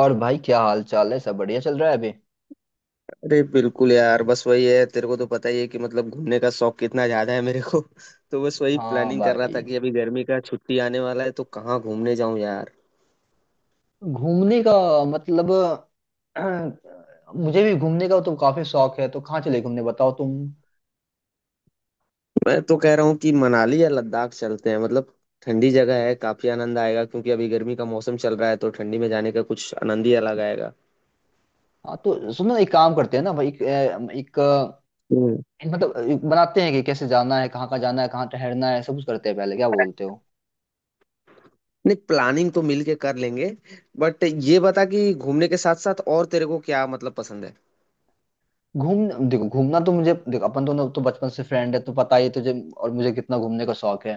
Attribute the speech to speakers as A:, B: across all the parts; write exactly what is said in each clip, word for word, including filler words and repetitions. A: और भाई, क्या हाल चाल है? सब बढ़िया चल रहा है अभी।
B: अरे बिल्कुल यार, बस वही है। तेरे को तो पता ही है कि मतलब घूमने का शौक कितना ज्यादा है मेरे को। तो बस वही
A: हाँ
B: प्लानिंग कर रहा
A: भाई।
B: था कि अभी गर्मी का छुट्टी आने वाला है तो कहाँ घूमने जाऊं यार।
A: घूमने का, मतलब, मुझे भी घूमने का तो काफी शौक है, तो कहाँ चले घूमने बताओ तुम।
B: मैं तो कह रहा हूँ कि मनाली या लद्दाख चलते हैं। मतलब ठंडी जगह है, काफी आनंद आएगा, क्योंकि अभी गर्मी का मौसम चल रहा है तो ठंडी में जाने का कुछ आनंद ही अलग आएगा।
A: हाँ, तो सुनो एक काम करते हैं ना भाई। एक, एक
B: हम्म।
A: मतलब, एक बनाते हैं कि कैसे जाना है, कहाँ कहाँ जाना है, कहाँ ठहरना है, सब कुछ करते हैं पहले। क्या बोलते हो?
B: नहीं, प्लानिंग तो मिल के कर लेंगे, बट ये बता कि घूमने के साथ साथ और तेरे को क्या मतलब पसंद है?
A: घूम देखो, घूमना तो मुझे, देखो, अपन दोनों तो बचपन से फ्रेंड है, तो पता ही है तुझे और मुझे कितना घूमने का शौक है।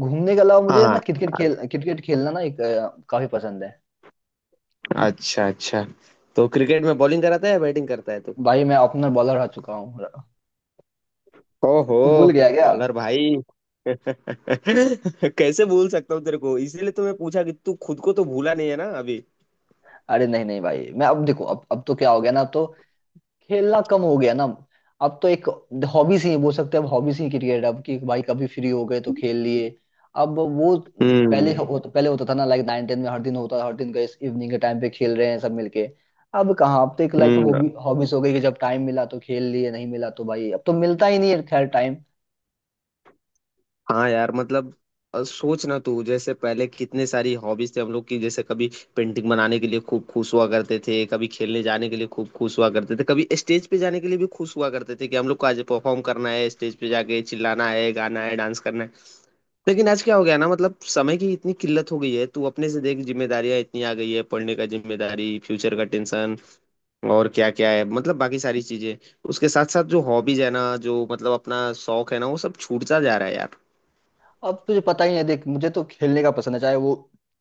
A: घूमने के अलावा
B: हाँ
A: मुझे ना, क्रिकेट
B: हाँ।
A: खेल क्रिकेट खेलना ना एक अ, काफी पसंद है।
B: अच्छा अच्छा। तो क्रिकेट में बॉलिंग कराता है या बैटिंग करता है तू?
A: भाई मैं ओपनर बॉलर रह चुका हूँ,
B: ओहो।
A: तो भूल गया क्या?
B: बॉलर भाई। कैसे भूल सकता हूँ तेरे को? इसीलिए तो मैं पूछा कि तू खुद को तो भूला नहीं है ना अभी।
A: अरे नहीं नहीं भाई, मैं अब देखो, अब अब तो क्या हो गया ना, अब तो खेलना कम हो गया ना। अब तो एक हॉबी सी बोल सकते हैं अब, हॉबी सी क्रिकेट अब, कि भाई कभी फ्री हो गए तो खेल लिए। अब वो, पहले
B: हम्म।
A: हो, पहले होता था ना, लाइक नाइन टेन में हर दिन होता था, हर दिन का इस इवनिंग के टाइम पे खेल रहे हैं सब मिलके। अब कहाँ? अब तो एक लाइक
B: हम्म।
A: हॉबी, हॉबीज हो गई कि जब टाइम मिला तो खेल लिए, नहीं मिला तो भाई अब तो मिलता ही नहीं है, खैर टाइम।
B: हाँ यार, मतलब अ, सोच ना तू, जैसे पहले कितने सारी हॉबीज थे हम लोग की। जैसे कभी पेंटिंग बनाने के लिए खूब खुश हुआ करते थे, कभी खेलने जाने के लिए खूब खुश हुआ करते थे, कभी स्टेज पे जाने के लिए भी खुश हुआ करते थे कि हम लोग को आज परफॉर्म करना है, स्टेज पे जाके चिल्लाना है, गाना है, डांस करना है। लेकिन आज क्या हो गया ना, मतलब समय की इतनी किल्लत हो गई है। तू अपने से देख, जिम्मेदारियां इतनी आ गई है, पढ़ने का जिम्मेदारी, फ्यूचर का टेंशन और क्या क्या है, मतलब बाकी सारी चीजें। उसके साथ साथ जो हॉबीज है ना, जो मतलब अपना शौक है ना, वो सब छूटता जा रहा है यार।
A: अब तुझे पता ही है, देख, मुझे तो खेलने का पसंद है, चाहे वो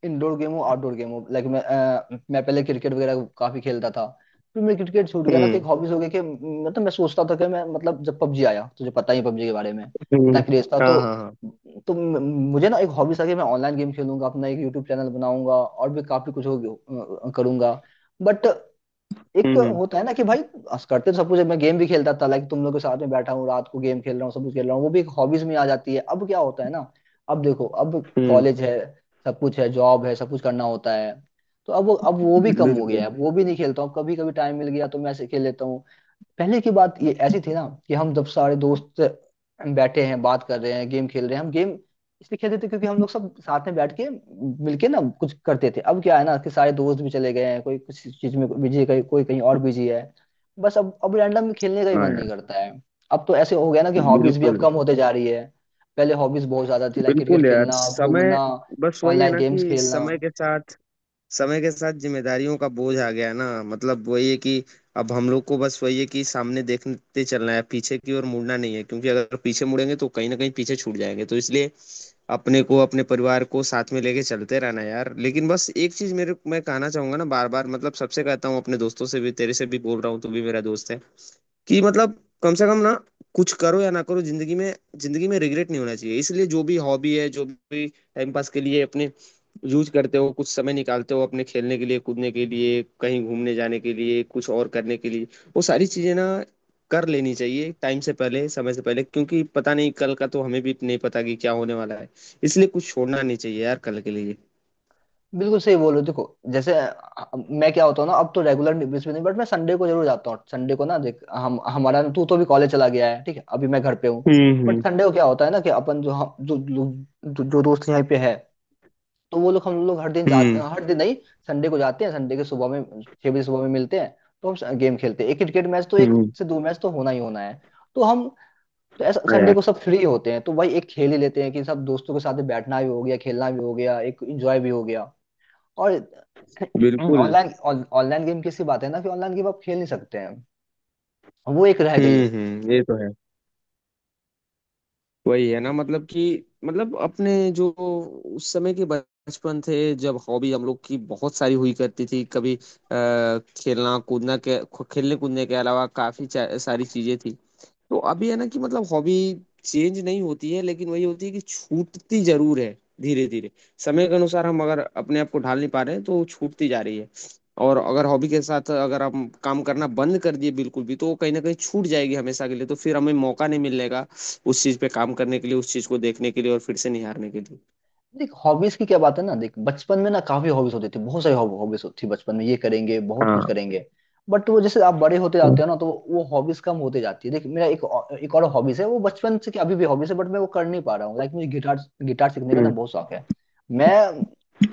A: इंडोर गेम हो, आउटडोर गेम हो, लाइक मैं अ, मैं पहले क्रिकेट वगैरह काफी खेलता था। फिर मैं क्रिकेट छूट गया ना, तो एक
B: हम्म।
A: हॉबीज हो गई कि मतलब मैं सोचता था कि मैं, मतलब, जब पबजी आया, तुझे पता ही है पबजी के बारे में।
B: हम्म।
A: इतना क्रेज था।
B: हाँ
A: तो
B: हाँ हाँ।
A: तो म- मुझे ना एक हॉबी था कि मैं ऑनलाइन गेम खेलूंगा, अपना एक यूट्यूब चैनल बनाऊंगा, और भी काफी कुछ हो, अ, करूंगा। बट एक
B: हम्म।
A: होता है ना कि भाई, अस करते तो सब कुछ है, मैं गेम भी खेलता था लाइक, तुम लोग के साथ में बैठा हूँ, रात को गेम खेल रहा हूँ, सब कुछ खेल रहा हूँ, वो भी एक हॉबीज में आ जाती है। अब क्या होता है ना, अब देखो अब
B: हम्म।
A: कॉलेज है, सब कुछ है, जॉब है, सब कुछ करना होता है। तो अब वो अब वो भी कम हो गया है,
B: बिल्कुल।
A: अब वो भी नहीं खेलता हूँ, कभी कभी टाइम मिल गया तो मैं ऐसे खेल लेता हूँ। पहले की बात ये ऐसी थी ना कि हम जब सारे दोस्त बैठे हैं, बात कर रहे हैं, गेम खेल रहे हैं, हम गेम इसलिए खेलते थे क्योंकि हम लोग सब साथ में बैठ के मिलके ना कुछ करते थे। अब क्या है ना कि सारे दोस्त भी चले गए हैं, कोई कुछ चीज में बिजी है, कोई कोई कहीं और बिजी है। बस अब अब रैंडम खेलने का ही
B: हाँ
A: मन नहीं
B: यार।
A: करता है। अब तो ऐसे हो गया ना कि हॉबीज भी अब
B: बिल्कुल।
A: कम होते जा रही है। पहले हॉबीज बहुत ज्यादा थी, लाइक
B: बिल्कुल
A: क्रिकेट
B: यार,
A: खेलना,
B: समय।
A: घूमना,
B: बस वही है
A: ऑनलाइन
B: ना
A: गेम्स
B: कि
A: खेलना।
B: समय के साथ समय के साथ जिम्मेदारियों का बोझ आ गया ना। मतलब वही है कि अब हम लोग को बस वही है कि सामने देखते चलना है, पीछे की ओर मुड़ना नहीं है, क्योंकि अगर पीछे मुड़ेंगे तो कहीं ना कहीं पीछे छूट जाएंगे। तो इसलिए अपने को, अपने परिवार को साथ में लेके चलते रहना यार। लेकिन बस एक चीज मेरे मैं कहना चाहूंगा ना, बार बार मतलब सबसे कहता हूँ, अपने दोस्तों से भी, तेरे से भी बोल रहा हूँ, तू भी मेरा दोस्त है, कि मतलब कम से कम ना कुछ करो या ना करो, जिंदगी में जिंदगी में रिग्रेट नहीं होना चाहिए। इसलिए जो भी हॉबी है, जो भी टाइम पास के लिए अपने यूज करते हो, कुछ समय निकालते हो अपने खेलने के लिए, कूदने के लिए, कहीं घूमने जाने के लिए, कुछ और करने के लिए, वो सारी चीजें ना कर लेनी चाहिए टाइम से पहले, समय से पहले, क्योंकि पता नहीं कल का तो हमें भी नहीं पता कि क्या होने वाला है। इसलिए कुछ छोड़ना नहीं चाहिए यार कल के लिए।
A: बिल्कुल सही बोलो। देखो जैसे अ, मैं क्या होता हूँ ना, अब तो रेगुलर बेसिस पे नहीं, बट मैं संडे को जरूर जाता हूँ। संडे को ना देख, हम हमारा, तू तो भी कॉलेज चला गया है, ठीक है, अभी मैं घर पे हूँ।
B: हम्म।
A: But
B: hmm.
A: संडे को क्या होता है ना कि अपन जो, हम जो लोग- जो, जो दोस्त यहाँ पे है, तो वो लोग हम लोग हर दिन जाते
B: हम्म।
A: हैं, हर दिन नहीं, संडे को जाते हैं। संडे के सुबह में छह बजे सुबह में मिलते हैं, तो हम गेम खेलते हैं, एक क्रिकेट मैच, तो एक
B: हम्म।
A: से दो मैच तो होना ही होना है। तो हम तो ऐसा
B: हाँ
A: संडे
B: यार।
A: को सब फ्री होते हैं, तो भाई एक खेल ही लेते हैं कि सब दोस्तों के साथ बैठना भी हो गया, खेलना भी हो गया, एक एंजॉय भी हो गया। और
B: बिल्कुल।
A: ऑनलाइन ऑनलाइन गेम की ऐसी बात है ना कि ऑनलाइन गेम आप खेल नहीं सकते हैं, वो एक रह गई है।
B: हम्म। हम्म, ये तो है। वही है ना मतलब कि मतलब अपने जो उस समय के बचपन थे, जब हॉबी हम लोग की बहुत सारी हुई करती थी, कभी आ, खेलना कूदना के खेलने कूदने के अलावा काफी चा- सारी चीजें थी। तो अभी है ना कि मतलब हॉबी चेंज नहीं होती है, लेकिन वही होती है कि छूटती जरूर है धीरे धीरे। समय के अनुसार हम अगर अपने आप को ढाल नहीं पा रहे हैं तो वो छूटती जा रही है। और अगर हॉबी के साथ अगर हम काम करना बंद कर दिए बिल्कुल भी, तो वो कहीं ना कहीं छूट जाएगी हमेशा के लिए, तो फिर हमें मौका नहीं मिलेगा उस चीज पे काम करने के लिए, उस चीज को देखने के लिए और फिर से निहारने के लिए।
A: देख, हॉबीज की क्या बात है ना। देख, बचपन में ना काफी हॉबीज होती थी, बहुत सारी हॉबीज होती थी, बचपन में ये करेंगे, बहुत कुछ
B: हाँ।
A: करेंगे। बट वो, जैसे आप बड़े होते जाते हो ना, तो वो हॉबीज कम होते जाती है। देख, मेरा एक और- एक और हॉबीज है, वो बचपन से, कि अभी भी हॉबीज है बट मैं वो कर नहीं पा रहा हूँ। लाइक मुझे गिटार गिटार सीखने का ना
B: हम्म।
A: बहुत शौक है। मैं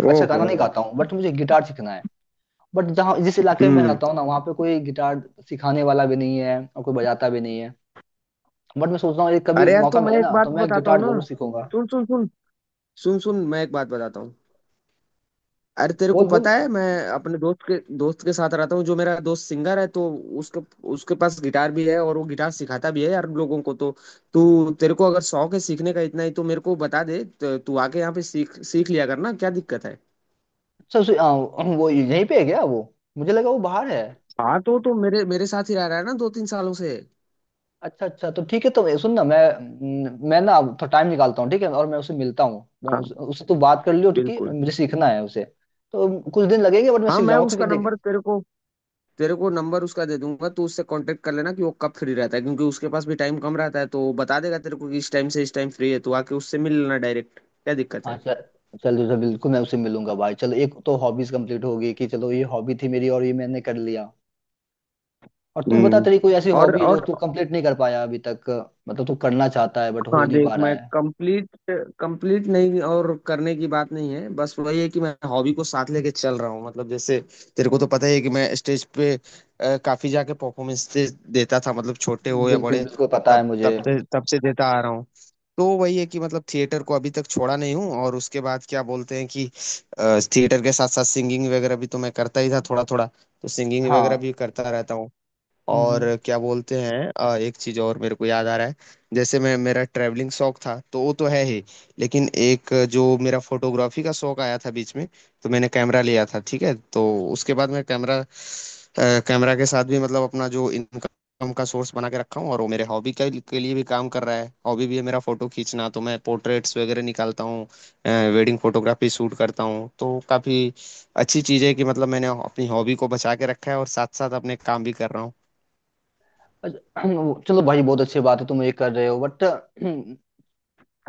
A: अच्छा
B: ओहो।
A: गाना नहीं गाता हूँ, बट मुझे गिटार सीखना है। बट जहाँ, जिस इलाके में मैं
B: हम्म।
A: रहता हूँ ना, वहाँ पे कोई गिटार सिखाने वाला भी नहीं है, और कोई बजाता भी नहीं है। बट मैं सोच रहा हूँ ये कभी
B: अरे यार
A: मौका
B: तू,
A: मिले
B: मैं
A: ना,
B: एक
A: तो
B: बात
A: मैं
B: बताता हूँ
A: गिटार
B: ना।
A: जरूर सीखूंगा।
B: सुन सुन सुन। सुन सुन, मैं एक बात बताता हूँ। अरे तेरे को
A: बोल, बोल।
B: पता है, मैं अपने दोस्त के दोस्त के साथ रहता हूँ, जो मेरा दोस्त सिंगर है। तो उसके उसके पास गिटार भी है और वो गिटार सिखाता भी है यार लोगों को। तो तू, तेरे को अगर शौक है सीखने का इतना ही, तो मेरे को बता दे, तो तू आके यहाँ पे सीख सीख लिया करना, क्या दिक्कत है?
A: अच्छा, उसे- आ, वो यहीं पे है क्या? वो मुझे लगा वो बाहर है।
B: हाँ, तो तो मेरे मेरे साथ ही रह रहा है ना दो तीन सालों से।
A: अच्छा, अच्छा, तो ठीक है, तो ये सुन ना, मैं न- मैं ना अब थोड़ा टाइम निकालता हूँ, ठीक है, और मैं उसे मिलता हूँ। मैं
B: हाँ।
A: उस, उससे तू बात कर लियो, ठीक है,
B: बिल्कुल।
A: मुझे सीखना है उसे। तो कुछ दिन लगेंगे बट मैं
B: हाँ
A: सीख
B: मैं
A: जाऊंगा, क्योंकि
B: उसका
A: देख।
B: नंबर तेरे को, तेरे को नंबर उसका दे दूंगा, तू उससे कांटेक्ट कर लेना कि वो कब फ्री रहता है, क्योंकि उसके पास भी टाइम कम रहता है, तो वो बता देगा तेरे को कि इस टाइम से इस टाइम फ्री है, तो आके उससे मिल लेना डायरेक्ट, क्या दिक्कत
A: हाँ,
B: है?
A: चल, चल, चल बिल्कुल, मैं उसे मिलूंगा भाई। चलो, एक तो हॉबीज कंप्लीट हो गई कि चलो, ये हॉबी थी मेरी और ये मैंने कर लिया। और तू बता,
B: हम्म।
A: तेरी कोई ऐसी
B: और
A: हॉबी है जो
B: और
A: तू कंप्लीट नहीं कर पाया अभी तक? मतलब तू करना चाहता है बट हो
B: हाँ,
A: नहीं पा
B: देख
A: रहा
B: मैं
A: है?
B: कंप्लीट, कंप्लीट नहीं और करने की बात नहीं है। बस वही है कि मैं हॉबी को साथ लेके चल रहा हूँ। मतलब जैसे तेरे को तो पता ही है कि मैं स्टेज पे अ, काफी जाके परफॉर्मेंस देता था, मतलब छोटे हो या
A: बिल्कुल,
B: बड़े,
A: बिल्कुल पता है
B: तब तब
A: मुझे,
B: से तब से देता आ रहा हूँ। तो वही है कि मतलब थिएटर को अभी तक छोड़ा नहीं हूँ, और उसके बाद क्या बोलते हैं कि अ, थिएटर के साथ साथ सिंगिंग वगैरह भी तो मैं करता ही था थोड़ा थोड़ा, तो सिंगिंग वगैरह भी
A: हाँ।
B: करता रहता हूँ।
A: हम्म,
B: और
A: हम्म।
B: क्या बोलते हैं, अ, एक चीज और मेरे को याद आ रहा है। जैसे मैं, मेरा ट्रैवलिंग शौक था तो वो तो है ही, लेकिन एक जो मेरा फोटोग्राफी का शौक आया था बीच में, तो मैंने कैमरा लिया था ठीक है। तो उसके बाद मैं कैमरा अ, कैमरा के साथ भी मतलब अपना जो इनकम का सोर्स बना के रखा हूँ, और वो मेरे हॉबी के, के लिए भी काम कर रहा है। हॉबी भी है मेरा फोटो खींचना, तो मैं पोर्ट्रेट्स वगैरह निकालता हूँ, वेडिंग फोटोग्राफी शूट करता हूँ। तो काफी अच्छी चीज है कि मतलब मैंने अपनी हॉबी को बचा के रखा है और साथ साथ अपने काम भी कर रहा हूँ।
A: अच्छा। चलो भाई, बहुत अच्छी बात है तुम ये कर रहे हो। बट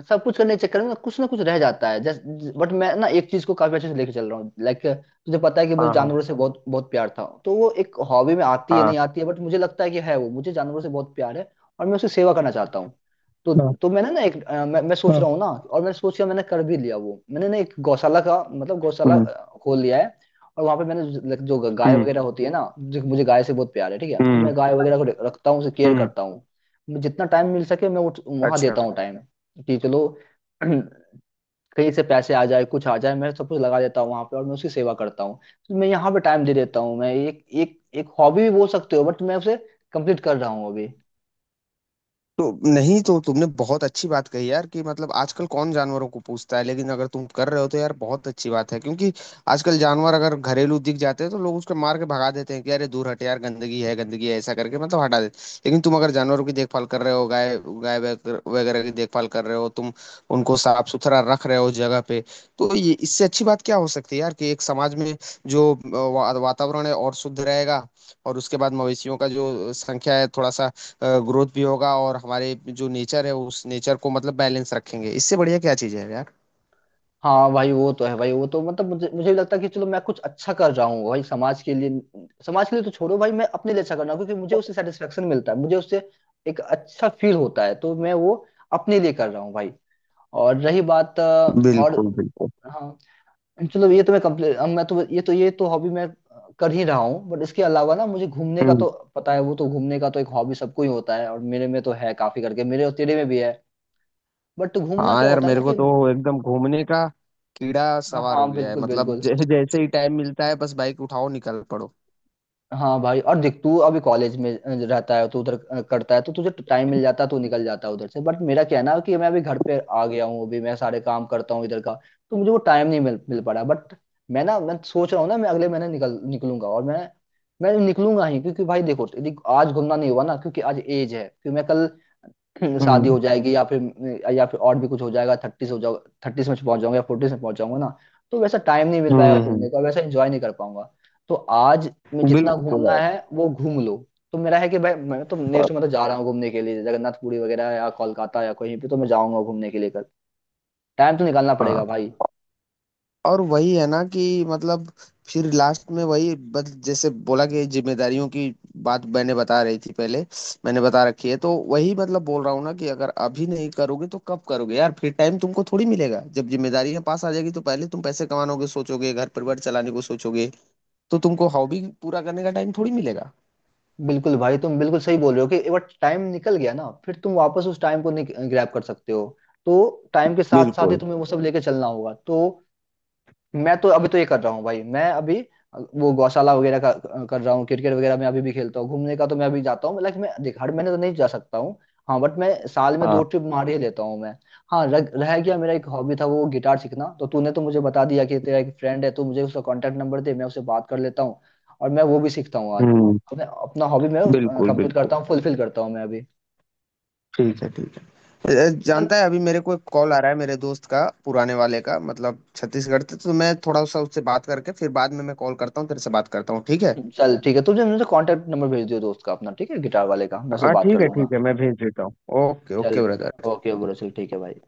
A: सब कुछ करने के चक्कर में कुछ ना कुछ रह जाता है जस्ट। बट मैं ना एक चीज को काफी अच्छे से लेके चल रहा हूँ, लाइक तुझे पता है कि मुझे
B: हाँ, हाँ,
A: जानवरों से बहुत बहुत प्यार था, तो वो एक हॉबी में आती है
B: हाँ।
A: नहीं आती है, बट मुझे लगता है कि है, वो मुझे जानवरों से बहुत प्यार है। और मैं उसकी सेवा करना चाहता हूँ। तो
B: हाँ
A: तो मैंने ना एक अ, मैं, मैं सोच
B: हाँ।
A: रहा हूँ ना, और मैंने सोच लिया, मैंने कर भी लिया। वो मैंने ना एक गौशाला का मतलब, गौशाला
B: हुँ,
A: अ, खोल लिया है। और वहां पे मैंने, जो जो गाय
B: हुँ,
A: वगैरह होती है ना, जो, मुझे गाय से बहुत प्यार है ठीक है, तो
B: हुँ,
A: मैं गाय वगैरह को रखता हूँ, उसे केयर
B: हुँ।
A: करता हूँ। मुझे जितना टाइम मिल सके मैं उठ वहां
B: अच्छा।
A: देता हूँ, टाइम। कि चलो, कहीं से पैसे आ जाए, कुछ आ जाए, मैं सब कुछ लगा देता हूँ वहां पे, और मैं उसकी सेवा करता हूँ। तो मैं यहाँ पे टाइम दे देता हूँ, मैं एक एक एक हॉबी भी बोल सकते हो, बट मैं उसे कंप्लीट कर रहा हूँ अभी।
B: तो नहीं, तो तुमने बहुत अच्छी बात कही यार, कि मतलब आजकल कौन जानवरों को पूछता है, लेकिन अगर तुम कर रहे हो तो यार बहुत अच्छी बात है। क्योंकि आजकल जानवर अगर घरेलू दिख जाते हैं तो लोग उसको मार के भगा देते हैं कि अरे दूर हट यार, गंदगी है गंदगी है, ऐसा करके मतलब हटा देते हैं। लेकिन तुम अगर जानवरों की देखभाल कर रहे हो, गाय गाय वगैरह वगैरह की देखभाल कर रहे हो तुम, उनको साफ सुथरा रख रहे हो जगह पे, तो ये, इससे अच्छी बात क्या हो सकती है यार? कि एक समाज में जो अ, वा- वातावरण है और शुद्ध रहेगा, और उसके बाद मवेशियों का जो संख्या है थोड़ा सा ग्रोथ भी होगा, और हमारे जो नेचर है उस नेचर को मतलब बैलेंस रखेंगे। इससे बढ़िया क्या चीज़ है यार।
A: हाँ भाई, वो तो है भाई, वो तो मतलब मुझे मुझे भी लगता है कि चलो मैं कुछ अच्छा कर रहा हूँ भाई समाज के लिए। समाज के लिए तो छोड़ो भाई, मैं अपने लिए अच्छा कर रहा हूँ, क्योंकि मुझे उससे सेटिस्फेक्शन मिलता है, मुझे उससे एक अच्छा फील होता है, तो मैं वो अपने लिए कर रहा हूँ भाई। और रही बात अ, और,
B: बिल्कुल बिल्कुल।
A: हाँ, चलो, ये तो मैं कंप्लीट, मैं तो, ये तो, ये तो हॉबी मैं कर ही रहा हूँ, बट इसके अलावा ना मुझे घूमने का
B: हम्म।
A: तो, पता है, वो तो घूमने का तो एक हॉबी सबको ही होता है, और मेरे में तो है काफी करके, मेरे और तेरे में भी है। बट घूमना
B: हाँ
A: क्या
B: यार,
A: होता है ना
B: मेरे को
A: कि,
B: तो एकदम घूमने का कीड़ा सवार
A: हाँ
B: हो गया है।
A: बिल्कुल,
B: मतलब
A: बिल्कुल।
B: जै, जैसे ही टाइम मिलता है बस बाइक उठाओ निकल पड़ो।
A: हाँ भाई, और देख, तू अभी कॉलेज में अ, रहता है, तो उधर अ, करता है, तो तुझे टाइम मिल जाता है, तो निकल जाता है उधर से। बट मेरा क्या है ना कि मैं अभी घर पे आ गया हूँ, अभी मैं सारे काम करता हूँ इधर का। तो मुझे वो टाइम नहीं मिल मिल पा रहा। बट मैं ना, मैं सोच रहा हूँ ना, मैं अगले महीने निकल निकलूंगा, और मैं मैं निकलूंगा ही, क्योंकि भाई देखो, यदि आज घूमना नहीं हुआ ना, क्योंकि आज एज है, क्योंकि मैं कल, हम्म, शादी
B: हम्म।
A: हो जाएगी, या फिर, या फिर और भी कुछ हो जाएगा, थर्टीज हो जाओ थर्टीज में पहुंच जाऊंगा या फोर्टीज में पहुंच जाऊंगा ना। तो वैसा टाइम नहीं मिल पाएगा
B: हम्म। हम्म।
A: घूमने का, वैसा एंजॉय नहीं कर पाऊंगा। तो आज मैं जितना
B: बिल्कुल
A: घूमना
B: यार।
A: है वो घूम लो। तो मेरा है कि भाई मैं तो नेक्स्ट मतलब, जा रहा हूँ घूमने के लिए, जगन्नाथपुरी वगैरह, या कोलकाता, या कहीं पे, तो मैं जाऊंगा घूमने के लिए कल। टाइम तो निकालना
B: हाँ,
A: पड़ेगा भाई।
B: और वही है ना कि मतलब फिर लास्ट में वही, बस जैसे बोला कि जिम्मेदारियों की बात मैंने बता रही थी पहले, मैंने बता रखी है, तो वही मतलब बोल रहा हूँ ना कि अगर अभी नहीं करोगे तो कब करोगे यार? फिर टाइम तुमको थोड़ी मिलेगा, जब जिम्मेदारियां पास आ जाएगी तो पहले तुम पैसे कमानोगे, सोचोगे घर परिवार चलाने को सोचोगे, तो तुमको हॉबी पूरा करने का टाइम थोड़ी मिलेगा।
A: बिल्कुल भाई, तुम बिल्कुल सही बोल रहे हो कि एक बार टाइम निकल गया ना, फिर तुम वापस उस टाइम को नहीं ग्रैब कर सकते हो। तो टाइम के साथ साथ ही
B: बिल्कुल।
A: तुम्हें वो सब लेके चलना होगा, तो। मैं तो अभी तो ये कर रहा हूँ भाई, मैं अभी वो गौशाला वगैरह का कर रहा हूँ, क्रिकेट वगैरह मैं अभी भी खेलता हूँ, घूमने का तो मैं अभी जाता हूँ। लाइक मैं देख, हर महीने तो नहीं जा सकता हूँ। हाँ, बट मैं साल में दो
B: हाँ।
A: ट्रिप मार ही लेता हूँ मैं। हाँ, रह, रह गया मेरा एक हॉबी था वो गिटार सीखना, तो तूने तो मुझे बता दिया कि तेरा एक फ्रेंड है, तो मुझे उसका कॉन्टेक्ट नंबर दे, मैं उससे बात कर लेता हूँ, और मैं वो भी सीखता हूँ आज।
B: हम्म।
A: तो मैं अपना हॉबी मैं
B: बिल्कुल
A: कंप्लीट
B: बिल्कुल।
A: करता हूँ, फुलफिल करता हूँ मैं अभी।
B: ठीक है ठीक। अ,
A: चल,
B: जानता है, अभी मेरे को एक कॉल आ रहा है मेरे दोस्त का पुराने वाले का, मतलब छत्तीसगढ़ से, तो मैं थोड़ा सा उससे बात करके फिर बाद में मैं कॉल करता हूँ तेरे से, बात करता हूँ, ठीक है?
A: चल ठीक है, तुझे मुझे कॉन्टेक्ट नंबर भेज दियो दोस्त का अपना, ठीक है, गिटार वाले का, मैं उससे
B: हाँ
A: बात कर
B: ठीक है, ठीक
A: लूंगा।
B: है, मैं भेज देता हूँ। ओके
A: चल,
B: ओके ब्रदर।
A: ओके ब्रो, चल ठीक है भाई।